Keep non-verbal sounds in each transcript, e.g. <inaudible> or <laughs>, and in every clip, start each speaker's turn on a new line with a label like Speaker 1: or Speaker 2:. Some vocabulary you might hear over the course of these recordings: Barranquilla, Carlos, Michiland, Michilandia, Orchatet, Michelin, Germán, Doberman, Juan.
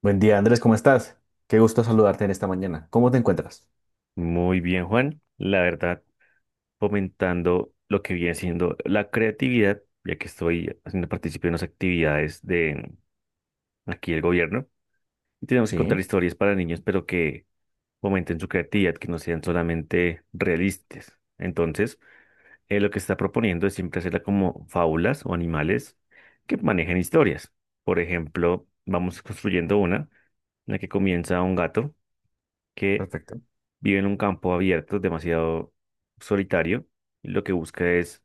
Speaker 1: Buen día, Andrés, ¿cómo estás? Qué gusto saludarte en esta mañana. ¿Cómo te encuentras?
Speaker 2: Muy bien, Juan. La verdad, fomentando lo que viene siendo la creatividad, ya que estoy haciendo partícipe de unas actividades de aquí el gobierno. Y tenemos que contar
Speaker 1: Sí,
Speaker 2: historias para niños, pero que fomenten su creatividad, que no sean solamente realistas. Entonces, lo que se está proponiendo es siempre hacerla como fábulas o animales que manejen historias. Por ejemplo, vamos construyendo una en la que comienza un gato que
Speaker 1: perfecto.
Speaker 2: vive en un campo abierto, demasiado solitario, y lo que busca es,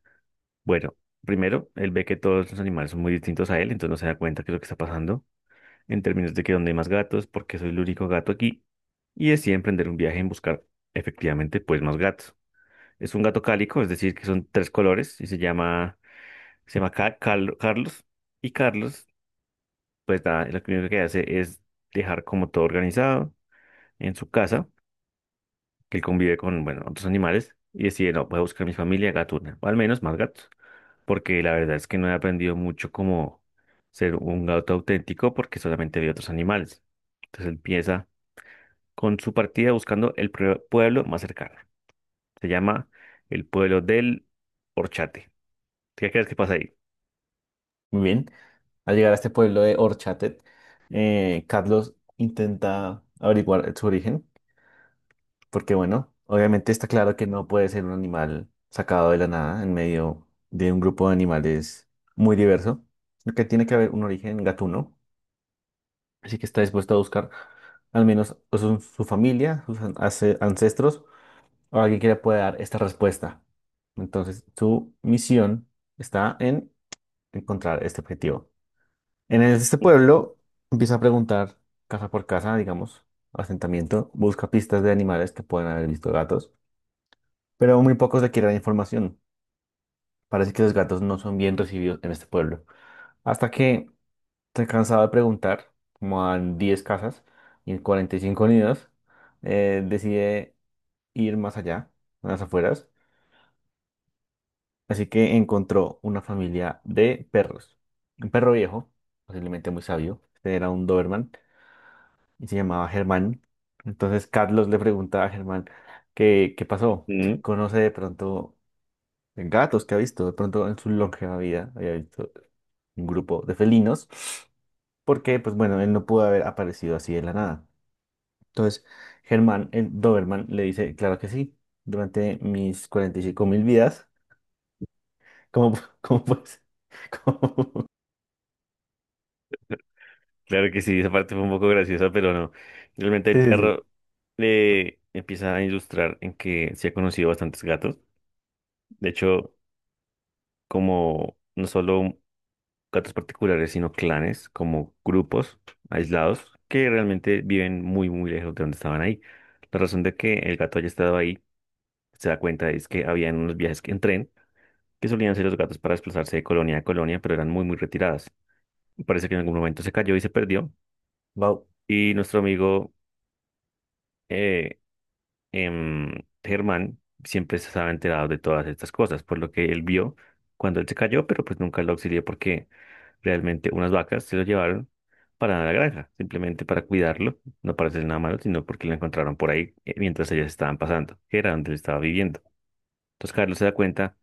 Speaker 2: bueno, primero, él ve que todos los animales son muy distintos a él, entonces no se da cuenta que es lo que está pasando, en términos de que donde hay más gatos, porque soy el único gato aquí, y decide emprender un viaje en buscar efectivamente pues más gatos. Es un gato cálico, es decir, que son tres colores, y se llama Carlos, y Carlos, pues nada, lo primero que hace es dejar como todo organizado en su casa que él convive con, bueno, otros animales y decide, no, voy a buscar mi familia gatuna, o al menos más gatos, porque la verdad es que no he aprendido mucho cómo ser un gato auténtico porque solamente vi otros animales. Entonces empieza con su partida buscando el pueblo más cercano. Se llama el pueblo del Horchate. ¿Qué crees que pasa ahí?
Speaker 1: Muy bien. Al llegar a este pueblo de Orchatet, Carlos intenta averiguar su origen, porque bueno, obviamente está claro que no puede ser un animal sacado de la nada en medio de un grupo de animales muy diverso, sino que tiene que haber un origen gatuno, así que está dispuesto a buscar al menos su familia, sus ancestros o alguien que le pueda dar esta respuesta. Entonces, su misión está en encontrar este objetivo. En este
Speaker 2: Ujú.
Speaker 1: pueblo empieza a preguntar casa por casa, digamos, asentamiento, busca pistas de animales que pueden haber visto gatos, pero muy pocos le quieren información. Parece que los gatos no son bien recibidos en este pueblo. Hasta que se cansado de preguntar, como a 10 casas y en 45 nidos, decide ir más allá, a las afueras. Así que encontró una familia de perros. Un perro viejo, posiblemente muy sabio. Este era un Doberman y se llamaba Germán. Entonces Carlos le preguntaba a Germán qué pasó, si
Speaker 2: Mm.
Speaker 1: conoce de pronto gatos que ha visto. De pronto en su longeva vida había visto un grupo de felinos. Porque, pues bueno, él no pudo haber aparecido así de la nada. Entonces Germán, el Doberman, le dice, claro que sí, durante mis 45.000 vidas, ¿cómo, <laughs> cómo puedes? <laughs>
Speaker 2: Claro que sí, esa parte fue un poco graciosa, pero no. Realmente el
Speaker 1: Sí, sí, sí.
Speaker 2: perro le empieza a ilustrar en que se ha conocido bastantes gatos. De hecho, como no solo gatos particulares, sino clanes, como grupos aislados que realmente viven muy, muy lejos de donde estaban ahí. La razón de que el gato haya estado ahí se da cuenta es que habían unos viajes en tren que solían hacer los gatos para desplazarse de colonia a colonia, pero eran muy, muy retiradas. Parece que en algún momento se cayó y se perdió.
Speaker 1: Wow.
Speaker 2: Y nuestro amigo, eh, em, Germán siempre se estaba enterado de todas estas cosas, por lo que él vio cuando él se cayó, pero pues nunca lo auxilió porque realmente unas vacas se lo llevaron para la granja, simplemente para cuidarlo, no para hacer nada malo, sino porque lo encontraron por ahí mientras ellas estaban pasando, que era donde él estaba viviendo. Entonces Carlos se da cuenta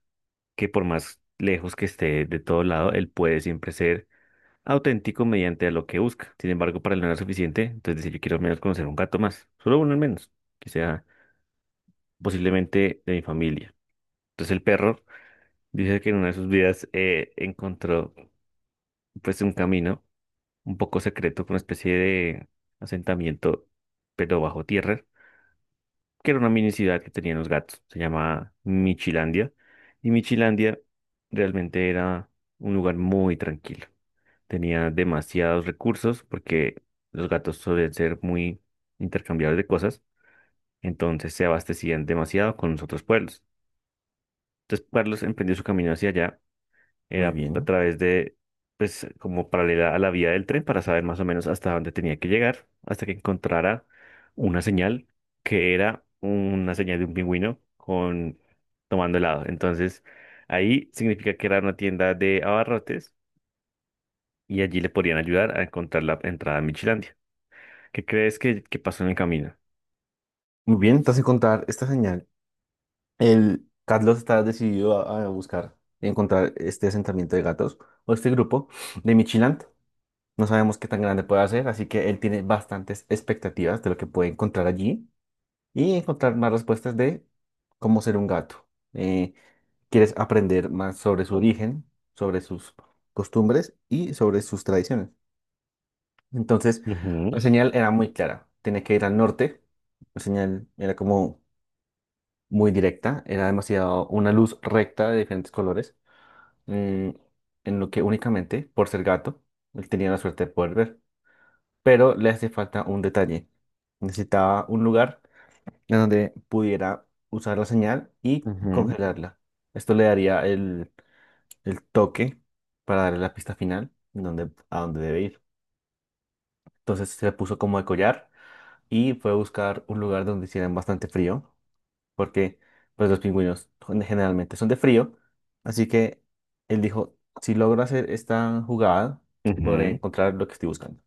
Speaker 2: que por más lejos que esté de todo lado, él puede siempre ser auténtico mediante a lo que busca. Sin embargo, para él no era suficiente, entonces dice, yo quiero al menos conocer un gato más, solo uno al menos, que sea posiblemente de mi familia. Entonces el perro dice que en una de sus vidas encontró pues un camino un poco secreto, con una especie de asentamiento, pero bajo tierra, que era una mini ciudad que tenían los gatos. Se llamaba Michilandia. Y Michilandia realmente era un lugar muy tranquilo. Tenía demasiados recursos porque los gatos suelen ser muy intercambiables de cosas. Entonces se abastecían demasiado con los otros pueblos. Entonces Carlos emprendió su camino hacia allá.
Speaker 1: Muy
Speaker 2: Era a
Speaker 1: bien.
Speaker 2: través de, pues, como paralela a la vía del tren para saber más o menos hasta dónde tenía que llegar, hasta que encontrara una señal que era una señal de un pingüino con tomando helado. Entonces, ahí significa que era una tienda de abarrotes y allí le podían ayudar a encontrar la entrada a Michilandia. ¿Qué crees que pasó en el camino?
Speaker 1: Muy bien, entonces encontrar esta señal. El Carlos está decidido a buscar y encontrar este asentamiento de gatos o este grupo de Michiland. No sabemos qué tan grande puede ser, así que él tiene bastantes expectativas de lo que puede encontrar allí y encontrar más respuestas de cómo ser un gato. Eh, Quieres aprender más sobre su origen, sobre sus costumbres y sobre sus tradiciones. Entonces,
Speaker 2: Ujú,
Speaker 1: la señal era muy clara. Tenía que ir al norte. La señal era como muy directa. Era demasiado una luz recta de diferentes colores. mm, en lo que únicamente, por ser gato, él tenía la suerte de poder ver. Pero le hace falta un detalle. Necesitaba un lugar en donde pudiera usar la señal y
Speaker 2: ujú,
Speaker 1: congelarla. Esto le daría el toque para darle la pista final en donde, a dónde debe ir. Entonces se le puso como de collar y fue a buscar un lugar donde hicieran bastante frío, porque pues los pingüinos son- generalmente son de frío, así que él dijo, si logro hacer esta jugada, podré
Speaker 2: ujú,
Speaker 1: encontrar lo que estoy buscando.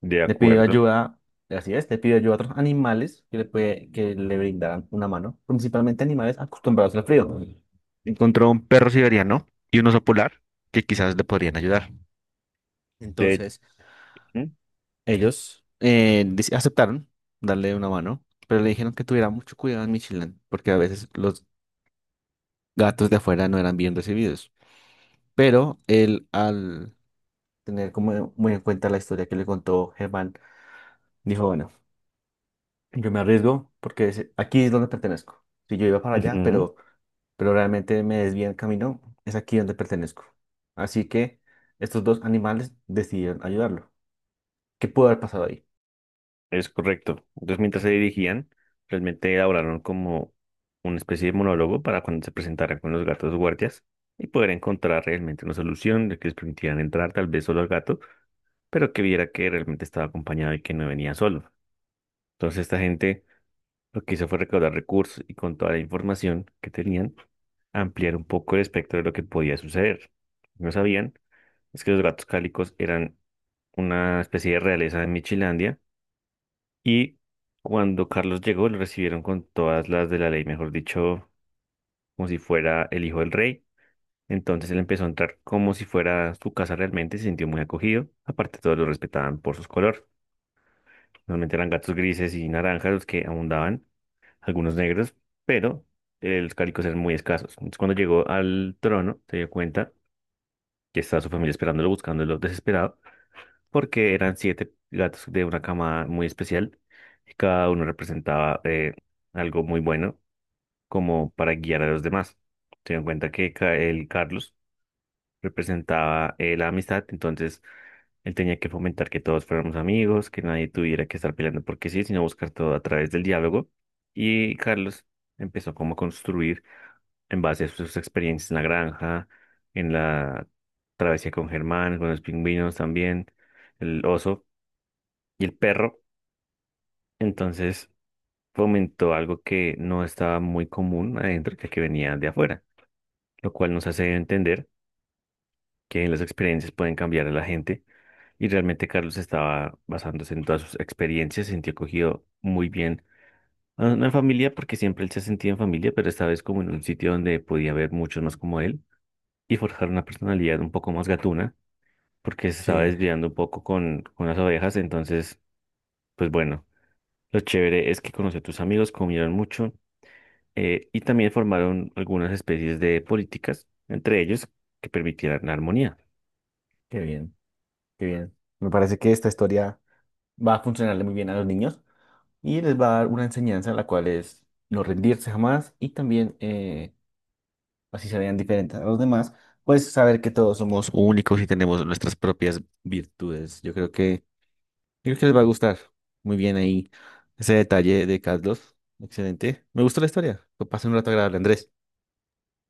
Speaker 2: de
Speaker 1: Le pidió
Speaker 2: acuerdo.
Speaker 1: ayuda, así es, le pidió ayuda a otros animales que que le brindaran una mano, principalmente animales acostumbrados al frío. Encontró un perro siberiano y un oso polar que quizás le podrían ayudar.
Speaker 2: De,
Speaker 1: Entonces,
Speaker 2: ujú,
Speaker 1: ellos aceptaron darle una mano, pero le dijeron que tuviera mucho cuidado en Michelin, porque a veces los gatos de afuera no eran bien recibidos. Pero él, al tener como muy en cuenta la historia que le contó Germán, dijo, bueno, yo me arriesgo porque aquí es donde pertenezco. Si yo iba para allá,
Speaker 2: ujú.
Speaker 1: pero realmente me desvía el camino, es aquí donde pertenezco. Así que estos dos animales decidieron ayudarlo. ¿Qué pudo haber pasado ahí?
Speaker 2: Es correcto. Entonces, mientras se dirigían, realmente elaboraron como una especie de monólogo para cuando se presentaran con los gatos guardias y poder encontrar realmente una solución de que les permitieran entrar tal vez solo al gato, pero que viera que realmente estaba acompañado y que no venía solo. Entonces, esta gente lo que hizo fue recaudar recursos y con toda la información que tenían, ampliar un poco el espectro de lo que podía suceder. No sabían es que los gatos cálicos eran una especie de realeza de Michilandia y cuando Carlos llegó, lo recibieron con todas las de la ley, mejor dicho, como si fuera el hijo del rey. Entonces él empezó a entrar como si fuera su casa realmente, se sintió muy acogido. Aparte, todos lo respetaban por sus colores. Normalmente eran gatos grises y naranjas los que abundaban, algunos negros, pero los cálicos eran muy escasos. Entonces, cuando llegó al trono, se dio cuenta que estaba su familia esperándolo, buscándolo desesperado, porque eran siete gatos de una camada muy especial y cada uno representaba algo muy bueno como para guiar a los demás. Teniendo en cuenta que el Carlos representaba la amistad, entonces él tenía que fomentar que todos fuéramos amigos, que nadie tuviera que estar peleando porque sí, sino buscar todo a través del diálogo. Y Carlos empezó como a construir en base a sus experiencias en la granja, en la travesía con Germán, con los pingüinos también, el oso y el perro, entonces fomentó algo que no estaba muy común adentro, que venía de afuera, lo cual nos hace entender que las experiencias pueden cambiar a la gente y realmente Carlos estaba basándose en todas sus experiencias, se sintió acogido muy bien a una familia, porque siempre él se sentía en familia, pero esta vez como en un sitio donde podía haber muchos más como él y forjar una personalidad un poco más gatuna, porque se estaba
Speaker 1: Sí,
Speaker 2: desviando un poco con las ovejas, entonces, pues bueno, lo chévere es que conoció a tus amigos, comieron mucho, y también formaron algunas especies de políticas, entre ellos que permitieran la armonía.
Speaker 1: qué bien, qué bien. Me parece que esta historia va a funcionarle muy bien a los niños y les va a dar una enseñanza la cual es no rendirse jamás y también, así se vean diferentes a los demás, pues saber que todos somos únicos y tenemos nuestras propias virtudes. Yo creo que les va a gustar muy bien ahí ese detalle de Carlos. Excelente. Me gustó la historia. Lo pasé un rato agradable, Andrés.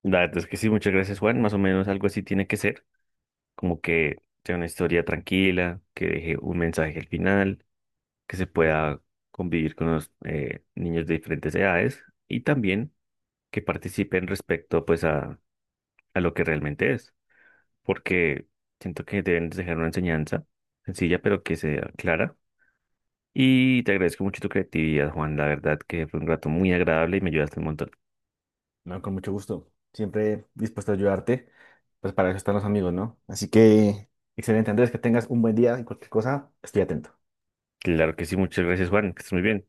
Speaker 2: La verdad es que sí, muchas gracias, Juan. Más o menos algo así tiene que ser, como que sea una historia tranquila, que deje un mensaje al final, que se pueda convivir con los niños de diferentes edades y también que participen respecto pues a lo que realmente es, porque siento que deben dejar una enseñanza sencilla pero que sea clara. Y te agradezco mucho tu creatividad, Juan, la verdad que fue un rato muy agradable y me ayudaste un montón.
Speaker 1: No, con mucho gusto. Siempre dispuesto a ayudarte. Pues para eso están los amigos, ¿no? Así que, excelente, Andrés, que tengas un buen día y cualquier cosa, estoy atento.
Speaker 2: Claro que sí, muchas gracias, Juan, que estés muy bien.